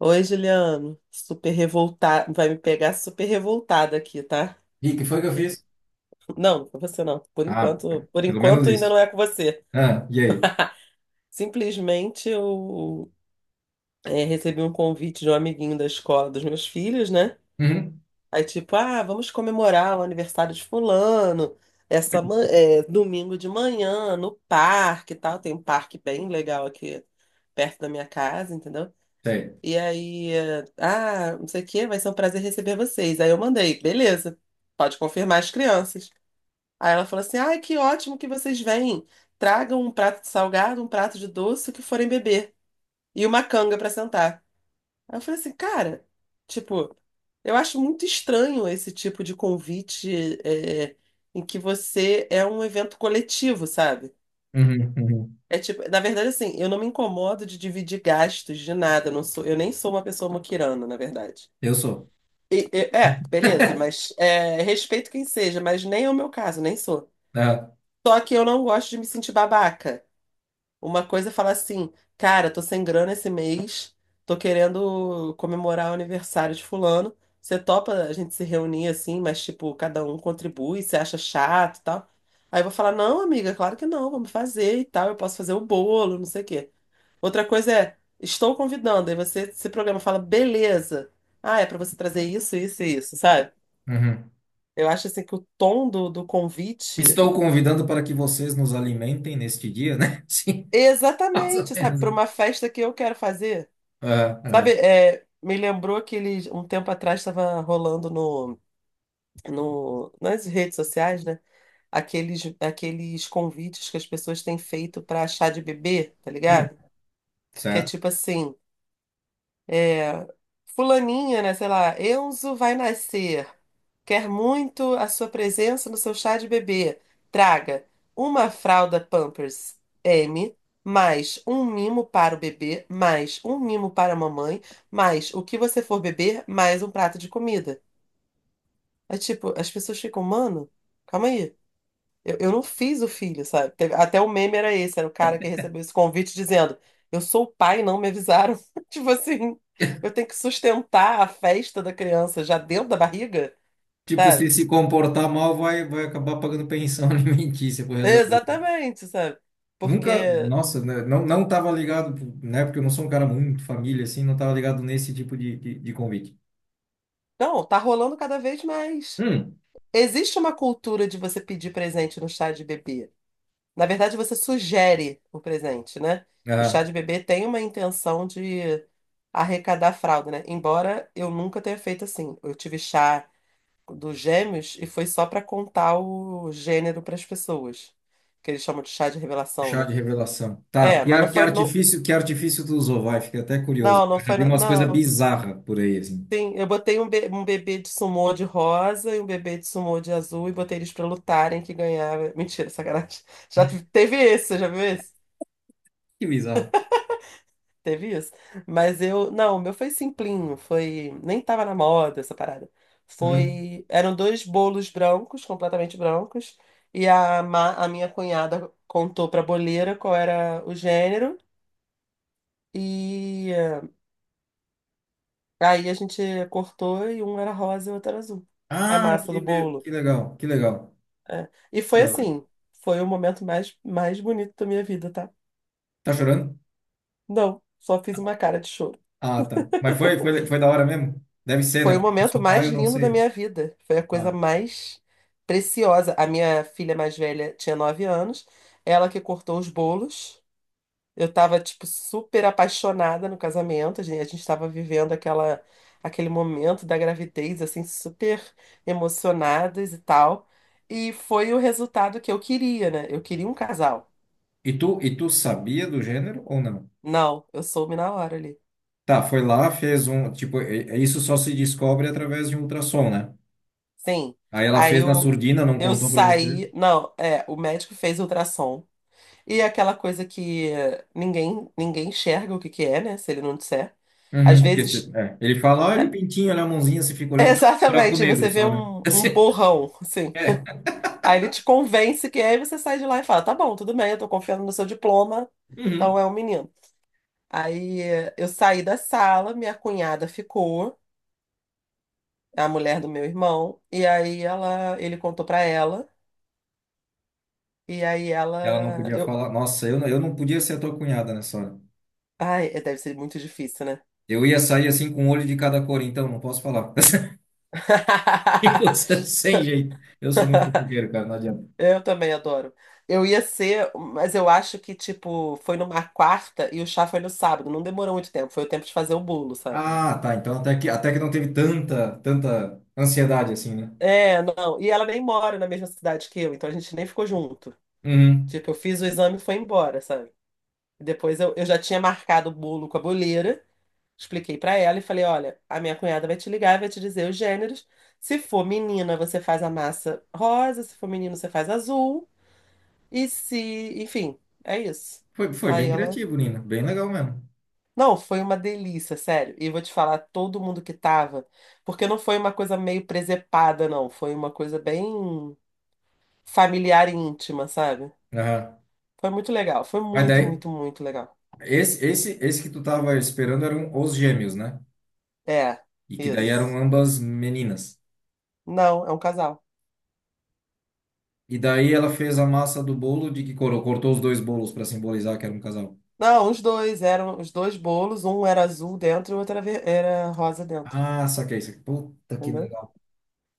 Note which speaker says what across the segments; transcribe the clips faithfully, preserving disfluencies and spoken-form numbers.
Speaker 1: Oi, Juliano. Super revoltada. Vai me pegar super revoltada aqui, tá?
Speaker 2: E que foi que eu fiz?
Speaker 1: Não, não é com você não. Por
Speaker 2: Ah,
Speaker 1: enquanto, por
Speaker 2: pelo menos
Speaker 1: enquanto ainda
Speaker 2: isso.
Speaker 1: não é com você.
Speaker 2: Ah, e aí?
Speaker 1: Simplesmente eu é, recebi um convite de um amiguinho da escola dos meus filhos, né?
Speaker 2: Uhum,
Speaker 1: Aí tipo, ah, vamos comemorar o aniversário de fulano, essa ma- é, domingo de manhã no parque, e tal. Tem um parque bem legal aqui perto da minha casa, entendeu?
Speaker 2: sei.
Speaker 1: E aí, eh, ah, não sei o quê, vai ser um prazer receber vocês. Aí eu mandei, beleza, pode confirmar as crianças. Aí ela falou assim: ai, que ótimo que vocês vêm. Tragam um prato de salgado, um prato de doce, o que forem beber. E uma canga pra sentar. Aí eu falei assim, cara, tipo, eu acho muito estranho esse tipo de convite, eh, em que você é um evento coletivo, sabe?
Speaker 2: Uhum, uhum.
Speaker 1: É tipo, na verdade, assim, eu não me incomodo de dividir gastos de nada. Eu Não sou, eu nem sou uma pessoa moquirana, na verdade.
Speaker 2: Eu sou.
Speaker 1: E- e- é, beleza, mas é, respeito quem seja, mas nem é o meu caso, nem sou.
Speaker 2: Ah,
Speaker 1: Só que eu não gosto de me sentir babaca. Uma coisa é falar assim, cara, tô sem grana esse mês, tô querendo comemorar o aniversário de fulano. Você topa a gente se reunir assim, mas tipo, cada um contribui, você acha chato e tal. Aí eu vou falar, não, amiga, claro que não, vamos fazer e tal, eu posso fazer o bolo, não sei o quê. Outra coisa é, estou convidando, aí você se programa, fala, beleza. Ah, é pra você trazer isso, isso e isso, sabe?
Speaker 2: uhum.
Speaker 1: Eu acho assim que o tom do, do convite
Speaker 2: Estou convidando para que vocês nos alimentem neste dia, né? Sim,
Speaker 1: é
Speaker 2: mais ou
Speaker 1: exatamente, sabe,
Speaker 2: menos
Speaker 1: para
Speaker 2: isso.
Speaker 1: uma festa que eu quero fazer.
Speaker 2: Ah,
Speaker 1: Sabe,
Speaker 2: ah.
Speaker 1: é, me lembrou que ele, um tempo atrás estava rolando no, no, nas redes sociais, né? Aqueles, aqueles convites que as pessoas têm feito para chá de bebê, tá
Speaker 2: Hum,
Speaker 1: ligado? Que é
Speaker 2: certo.
Speaker 1: tipo assim. É, Fulaninha, né? Sei lá, Enzo vai nascer. Quer muito a sua presença no seu chá de bebê. Traga uma fralda Pampers M, mais um mimo para o bebê, mais um mimo para a mamãe, mais o que você for beber, mais um prato de comida. É tipo, as pessoas ficam, mano, calma aí. Eu, eu não fiz o filho, sabe? Teve- até o meme era esse, era o cara que recebeu esse convite dizendo: eu sou o pai, não me avisaram. Tipo assim, eu tenho que sustentar a festa da criança já dentro da barriga,
Speaker 2: Tipo, se
Speaker 1: sabe?
Speaker 2: se comportar mal, vai, vai acabar pagando pensão alimentícia por resto da vida.
Speaker 1: Exatamente, sabe?
Speaker 2: Nunca,
Speaker 1: Porque,
Speaker 2: nossa, né, não, não tava ligado, né? Porque eu não sou um cara muito família, assim, não tava ligado nesse tipo de, de, de convite.
Speaker 1: não, tá rolando cada vez mais.
Speaker 2: Hum,
Speaker 1: Existe uma cultura de você pedir presente no chá de bebê. Na verdade, você sugere o presente, né? O chá
Speaker 2: ah.
Speaker 1: de bebê tem uma intenção de arrecadar fralda, né? Embora eu nunca tenha feito assim. Eu tive chá dos gêmeos e foi só para contar o gênero para as pessoas, que eles chamam de chá de revelação,
Speaker 2: Chá
Speaker 1: né?
Speaker 2: de revelação. Tá,
Speaker 1: É,
Speaker 2: que,
Speaker 1: mas não
Speaker 2: ar- que
Speaker 1: foi no...
Speaker 2: artifício, que artifício tu usou? Vai, fiquei até curioso.
Speaker 1: Não, não
Speaker 2: Eu já
Speaker 1: foi...
Speaker 2: vi
Speaker 1: no-
Speaker 2: umas coisas
Speaker 1: Não.
Speaker 2: bizarras por aí, assim.
Speaker 1: Sim, eu botei um, be- um bebê de sumô de rosa e um bebê de sumô de azul e botei eles para lutarem que ganhava. Mentira, sacanagem. Já teve esse, você já viu esse?
Speaker 2: Que bizarro.
Speaker 1: Teve isso. Mas eu. Não, o meu foi simplinho. Foi. Nem tava na moda essa parada.
Speaker 2: Uhum.
Speaker 1: Foi. Eram dois bolos brancos, completamente brancos. E a, ma- a minha cunhada contou pra boleira qual era o gênero. E eh, Aí a gente cortou e um era rosa e o outro era azul. A
Speaker 2: Ah,
Speaker 1: massa
Speaker 2: que,
Speaker 1: do
Speaker 2: de-
Speaker 1: bolo.
Speaker 2: que legal, que legal.
Speaker 1: É. E
Speaker 2: Que
Speaker 1: foi
Speaker 2: da hora.
Speaker 1: assim. Foi o momento mais, mais bonito da minha vida, tá?
Speaker 2: Tá chorando?
Speaker 1: Não, só fiz uma cara de choro.
Speaker 2: Ah, tá. Mas foi, foi, foi da hora mesmo? Deve ser, né?
Speaker 1: Foi o
Speaker 2: Porque eu
Speaker 1: momento
Speaker 2: sou
Speaker 1: mais
Speaker 2: pai, eu não
Speaker 1: lindo da
Speaker 2: sei.
Speaker 1: minha vida. Foi a coisa
Speaker 2: Ah.
Speaker 1: mais preciosa. A minha filha mais velha tinha nove anos, ela que cortou os bolos. Eu tava, tipo, super apaixonada no casamento. A gente, a gente tava vivendo aquela, aquele momento da gravidez, assim, super emocionadas e tal. E foi o resultado que eu queria, né? Eu queria um casal.
Speaker 2: E tu, e tu sabia do gênero ou não?
Speaker 1: Não, eu soube na hora ali.
Speaker 2: Tá, foi lá, fez um. Tipo, é- é isso só se descobre através de um ultrassom, né?
Speaker 1: Sim.
Speaker 2: Aí ela
Speaker 1: Aí
Speaker 2: fez na
Speaker 1: eu,
Speaker 2: surdina, não
Speaker 1: eu
Speaker 2: contou pra você.
Speaker 1: saí. Não, é, o médico fez ultrassom. E é aquela coisa que eh, ninguém ninguém enxerga o que que é, né? Se ele não disser. Às
Speaker 2: Uhum, porque se-
Speaker 1: vezes,
Speaker 2: é, ele fala, olha o
Speaker 1: é,
Speaker 2: pintinho, olha a mãozinha, você fica olhando para um buraco
Speaker 1: exatamente,
Speaker 2: negro
Speaker 1: você vê
Speaker 2: só, né?
Speaker 1: um, um
Speaker 2: Assim,
Speaker 1: borrão, assim.
Speaker 2: é.
Speaker 1: Aí ele te convence que é, e você sai de lá e fala: tá bom, tudo bem, eu tô confiando no seu diploma, então
Speaker 2: Uhum.
Speaker 1: é um menino. Aí eh, eu saí da sala, minha cunhada ficou, a mulher do meu irmão, e aí ela, ele contou pra ela, e aí
Speaker 2: Ela não
Speaker 1: ela,
Speaker 2: podia
Speaker 1: eu,
Speaker 2: falar. Nossa, eu, não- eu não podia ser a tua cunhada nessa hora.
Speaker 1: ai, deve ser muito difícil, né?
Speaker 2: Eu ia sair assim com um olho de cada cor, então não posso falar. E você sem jeito. Eu sou muito fofoqueiro, cara, não adianta.
Speaker 1: Eu também adoro. Eu ia ser, mas eu acho que, tipo, foi numa quarta e o chá foi no sábado. Não demorou muito tempo, foi o tempo de fazer o bolo, sabe?
Speaker 2: Ah, tá. Então até que, até que não teve tanta, tanta ansiedade assim, né?
Speaker 1: É, não. E ela nem mora na mesma cidade que eu, então a gente nem ficou junto.
Speaker 2: Uhum.
Speaker 1: Tipo, eu fiz o exame e foi embora, sabe? Depois eu, eu já tinha marcado o bolo com a boleira, expliquei pra ela e falei: olha, a minha cunhada vai te ligar, e vai te dizer os gêneros. Se for menina, você faz a massa rosa, se for menino, você faz azul. E se, enfim, é isso.
Speaker 2: Foi, foi
Speaker 1: Aí
Speaker 2: bem
Speaker 1: ela
Speaker 2: criativo, Nina. Bem legal mesmo.
Speaker 1: Não, foi uma delícia, sério. E vou te falar, todo mundo que tava, porque não foi uma coisa meio presepada, não. Foi uma coisa bem familiar e íntima, sabe?
Speaker 2: Aham.
Speaker 1: Foi muito legal. Foi
Speaker 2: Mas
Speaker 1: muito,
Speaker 2: daí,
Speaker 1: muito, muito legal.
Speaker 2: esse, esse, esse que tu tava esperando eram os gêmeos, né?
Speaker 1: É,
Speaker 2: E que daí eram
Speaker 1: isso.
Speaker 2: ambas meninas.
Speaker 1: Não, é um casal.
Speaker 2: E daí ela fez a massa do bolo de que cor? Ela cortou os dois bolos para simbolizar que era um casal.
Speaker 1: Não, os dois eram os dois bolos, um era azul dentro e o outro era, ver- era rosa dentro.
Speaker 2: Ah, saquei isso. Puta que
Speaker 1: Entendeu?
Speaker 2: legal.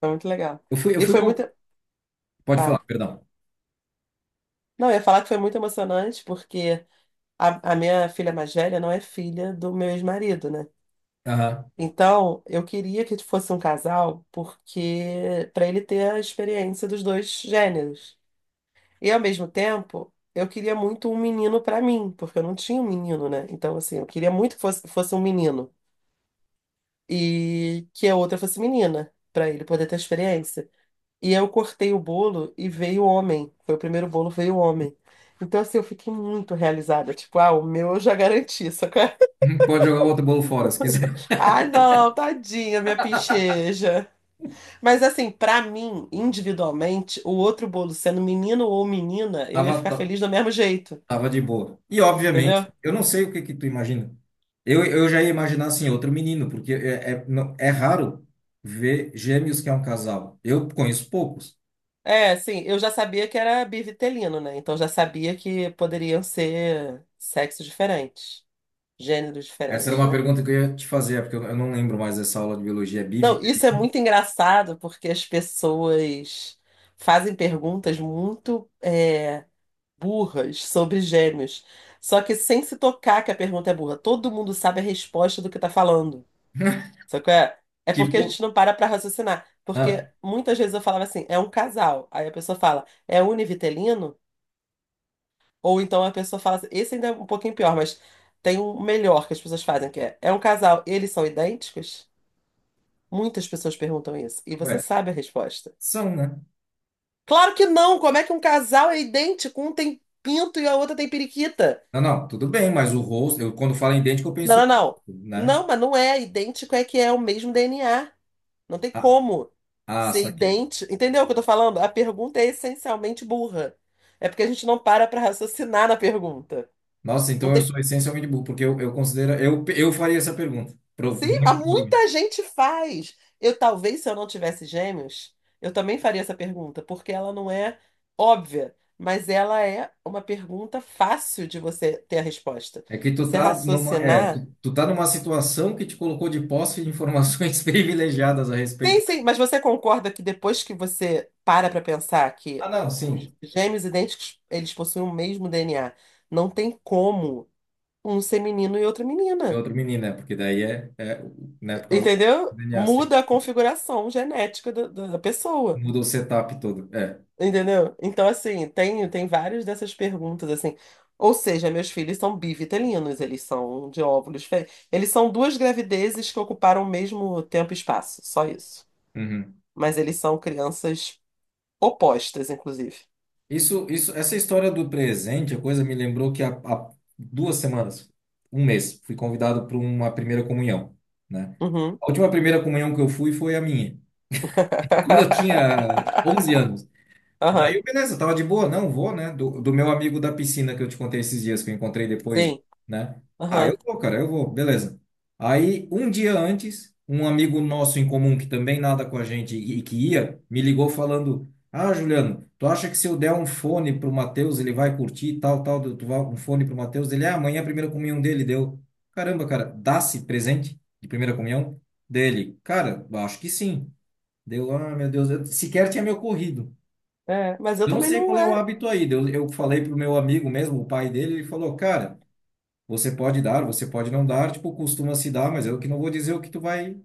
Speaker 1: Foi muito legal.
Speaker 2: Eu fui, eu
Speaker 1: E
Speaker 2: fui
Speaker 1: foi muito.
Speaker 2: com. Pode falar,
Speaker 1: Ah,
Speaker 2: perdão.
Speaker 1: não, eu ia falar que foi muito emocionante, porque a, a minha filha mais velha não é filha do meu ex-marido, né?
Speaker 2: Aham.
Speaker 1: Então, eu queria que fosse um casal porque para ele ter a experiência dos dois gêneros. E ao mesmo tempo, eu queria muito um menino para mim, porque eu não tinha um menino, né? Então, assim, eu queria muito que fosse, fosse um menino e que a outra fosse menina, para ele poder ter a experiência. E eu cortei o bolo e veio homem. Foi o primeiro bolo, veio homem. Então, assim, eu fiquei muito realizada. Tipo, ah, o meu eu já garanti, só que...
Speaker 2: Pode jogar o outro bolo fora, se quiser.
Speaker 1: Ai, não, tadinha, minha pincheja. Mas assim, pra mim, individualmente, o outro bolo sendo menino ou menina, eu ia
Speaker 2: Tava,
Speaker 1: ficar
Speaker 2: ta-
Speaker 1: feliz do mesmo jeito,
Speaker 2: tava de boa. E obviamente,
Speaker 1: entendeu?
Speaker 2: eu não sei o que que tu imagina. Eu, eu já ia imaginar assim, outro menino, porque é, é, não- é raro ver gêmeos que é um casal. Eu conheço poucos.
Speaker 1: É, assim, eu já sabia que era bivitelino, né? Então já sabia que poderiam ser sexos diferentes, gêneros
Speaker 2: Essa era
Speaker 1: diferentes,
Speaker 2: uma
Speaker 1: né?
Speaker 2: pergunta que eu ia te fazer, é porque eu eu não lembro mais dessa aula de biologia. É bivi.
Speaker 1: Não, isso é muito engraçado porque as pessoas fazem perguntas muito é, burras sobre gêmeos, só que sem se tocar que a pergunta é burra. Todo mundo sabe a resposta do que tá falando. Só que é, É porque a
Speaker 2: Tipo,
Speaker 1: gente não para pra raciocinar.
Speaker 2: ah,
Speaker 1: Porque muitas vezes eu falava assim, é um casal. Aí a pessoa fala, é univitelino? Ou então a pessoa fala assim, esse ainda é um pouquinho pior, mas tem um melhor que as pessoas fazem, que é, é um casal, eles são idênticos? Muitas pessoas perguntam isso. E você
Speaker 2: ué,
Speaker 1: sabe a resposta.
Speaker 2: são, né?
Speaker 1: Claro que não! Como é que um casal é idêntico? Um tem pinto e a outra tem periquita.
Speaker 2: Não, não, tudo bem, mas o rosto, eu quando falo em idêntico, eu
Speaker 1: Não,
Speaker 2: penso,
Speaker 1: não, não.
Speaker 2: né?
Speaker 1: Não, mas não é idêntico, é que é o mesmo D N A. Não tem
Speaker 2: Ah,
Speaker 1: como
Speaker 2: ah,
Speaker 1: ser
Speaker 2: saquei.
Speaker 1: idêntico. Entendeu o que eu tô falando? A pergunta é essencialmente burra. É porque a gente não para pra raciocinar na pergunta.
Speaker 2: Nossa,
Speaker 1: Não
Speaker 2: então eu
Speaker 1: tem.
Speaker 2: sou essencialmente burro, porque eu, eu considero, eu, eu faria essa pergunta. Prov-
Speaker 1: Sim,
Speaker 2: muito
Speaker 1: mas
Speaker 2: provavelmente.
Speaker 1: muita gente faz. Eu talvez, se eu não tivesse gêmeos, eu também faria essa pergunta, porque ela não é óbvia, mas ela é uma pergunta fácil de você ter a resposta.
Speaker 2: É que tu
Speaker 1: Você
Speaker 2: tá numa, é, tu,
Speaker 1: raciocinar.
Speaker 2: tu tá numa situação que te colocou de posse de informações privilegiadas a
Speaker 1: Sim,
Speaker 2: respeito.
Speaker 1: sim, mas você concorda que depois que você para para pensar
Speaker 2: Ah,
Speaker 1: que
Speaker 2: não, sim,
Speaker 1: os gêmeos idênticos, eles possuem o mesmo D N A, não tem como um ser menino e outra
Speaker 2: é
Speaker 1: menina,
Speaker 2: outro menino, né? Porque daí é, é, né, por causa do
Speaker 1: entendeu?
Speaker 2: D N A, sim.
Speaker 1: Muda a configuração genética do- do- da pessoa,
Speaker 2: Mudou o setup todo. É.
Speaker 1: entendeu? Então, assim, tem, tem várias dessas perguntas, assim. Ou seja, meus filhos são bivitelinos, eles são de óvulos diferentes. Eles são duas gravidezes que ocuparam o mesmo tempo e espaço, só isso.
Speaker 2: Uhum.
Speaker 1: Mas eles são crianças opostas, inclusive.
Speaker 2: Isso, isso, essa história do presente, a coisa me lembrou que há, há duas semanas, um mês, fui convidado para uma primeira comunhão, né?
Speaker 1: Uhum.
Speaker 2: A última primeira comunhão que eu fui foi a minha. Quando eu tinha onze anos. Daí,
Speaker 1: Aham,
Speaker 2: eu, beleza, tava de boa, não vou, né? Do, do meu amigo da piscina que eu te contei esses dias, que eu encontrei depois,
Speaker 1: sim.
Speaker 2: né? Ah, eu
Speaker 1: Aham.
Speaker 2: vou, cara, eu vou, beleza. Aí, um dia antes, um amigo nosso em comum que também nada com a gente e, e que ia, me ligou falando: ah, Juliano, tu acha que se eu der um fone pro Matheus, ele vai curtir e tal, tal, tu vai um fone pro Matheus? Ele, ah, amanhã é a primeira comunhão dele deu. Caramba, cara, dá-se presente de primeira comunhão dele? Cara, acho que sim. Deu, ah, meu Deus, eu sequer tinha me ocorrido.
Speaker 1: É, mas eu
Speaker 2: Eu não
Speaker 1: também
Speaker 2: sei
Speaker 1: não
Speaker 2: qual é o
Speaker 1: é.
Speaker 2: hábito aí. Eu, eu falei pro meu amigo mesmo, o pai dele, ele falou, cara, você pode dar, você pode não dar, tipo, costuma se dar, mas eu que não vou dizer o que tu vai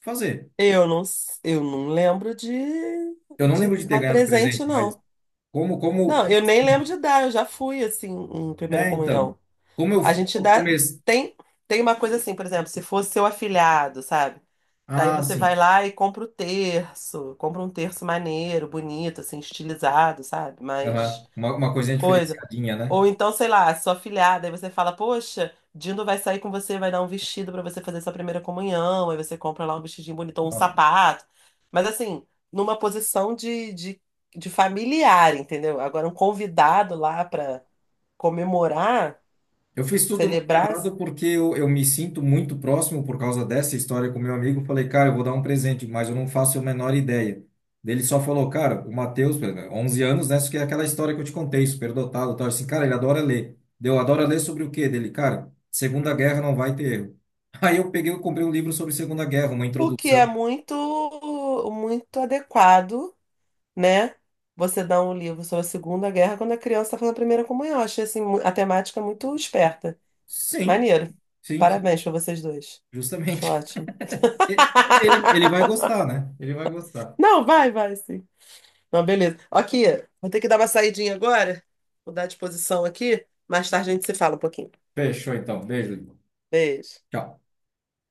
Speaker 2: fazer.
Speaker 1: Eu não, s- eu não lembro de,
Speaker 2: Eu não
Speaker 1: de
Speaker 2: lembro de ter
Speaker 1: dar
Speaker 2: ganhado
Speaker 1: presente,
Speaker 2: presente, mas
Speaker 1: não.
Speaker 2: como, como,
Speaker 1: Não,
Speaker 2: como
Speaker 1: eu nem
Speaker 2: assim?
Speaker 1: lembro de dar, eu já fui assim em primeira
Speaker 2: É, então,
Speaker 1: comunhão.
Speaker 2: como eu,
Speaker 1: A gente
Speaker 2: como eu
Speaker 1: dá.
Speaker 2: comecei...
Speaker 1: Tem, Tem uma coisa assim, por exemplo, se fosse seu afilhado, sabe? Daí
Speaker 2: Ah,
Speaker 1: você
Speaker 2: sim.
Speaker 1: vai lá e compra o terço, compra um terço maneiro, bonito, assim, estilizado, sabe? Mas.
Speaker 2: Aham. Uma, uma coisinha
Speaker 1: Coisa.
Speaker 2: diferenciadinha, né?
Speaker 1: Ou então, sei lá, sua afilhada, aí você fala, poxa, Dindo vai sair com você, vai dar um vestido pra você fazer sua primeira comunhão, aí você compra lá um vestidinho bonito, ou um
Speaker 2: Nossa,
Speaker 1: sapato. Mas assim, numa posição de, de, de familiar, entendeu? Agora, um convidado lá pra comemorar,
Speaker 2: eu fiz tudo muito
Speaker 1: celebrar,
Speaker 2: errado porque eu, eu me sinto muito próximo por causa dessa história com meu amigo. Falei, cara, eu vou dar um presente, mas eu não faço a menor ideia. Daí ele só falou, cara, o Matheus, onze anos, né? Isso que é aquela história que eu te contei, superdotado, tal. Assim, cara, ele adora ler. Deu, adora ler sobre o quê? Dele, cara, Segunda Guerra não vai ter erro. Aí eu peguei e comprei um livro sobre Segunda Guerra, uma
Speaker 1: o que é
Speaker 2: introdução.
Speaker 1: muito, muito adequado, né? Você dá um livro sobre a Segunda Guerra quando a criança está fazendo a primeira comunhão. Eu Achei assim, mu- a temática muito esperta.
Speaker 2: Sim,
Speaker 1: Maneiro.
Speaker 2: sim, sim,
Speaker 1: Parabéns pra vocês dois. Acho
Speaker 2: justamente.
Speaker 1: ótimo.
Speaker 2: Ele, ele vai gostar, né? Ele vai gostar.
Speaker 1: Não, vai, vai, sim. Não, beleza. Aqui, vou ter que dar uma saidinha agora. Vou dar disposição aqui. Mais tarde a gente se fala um pouquinho.
Speaker 2: Fechou, então. Beijo. Irmão.
Speaker 1: Beijo.
Speaker 2: Tchau.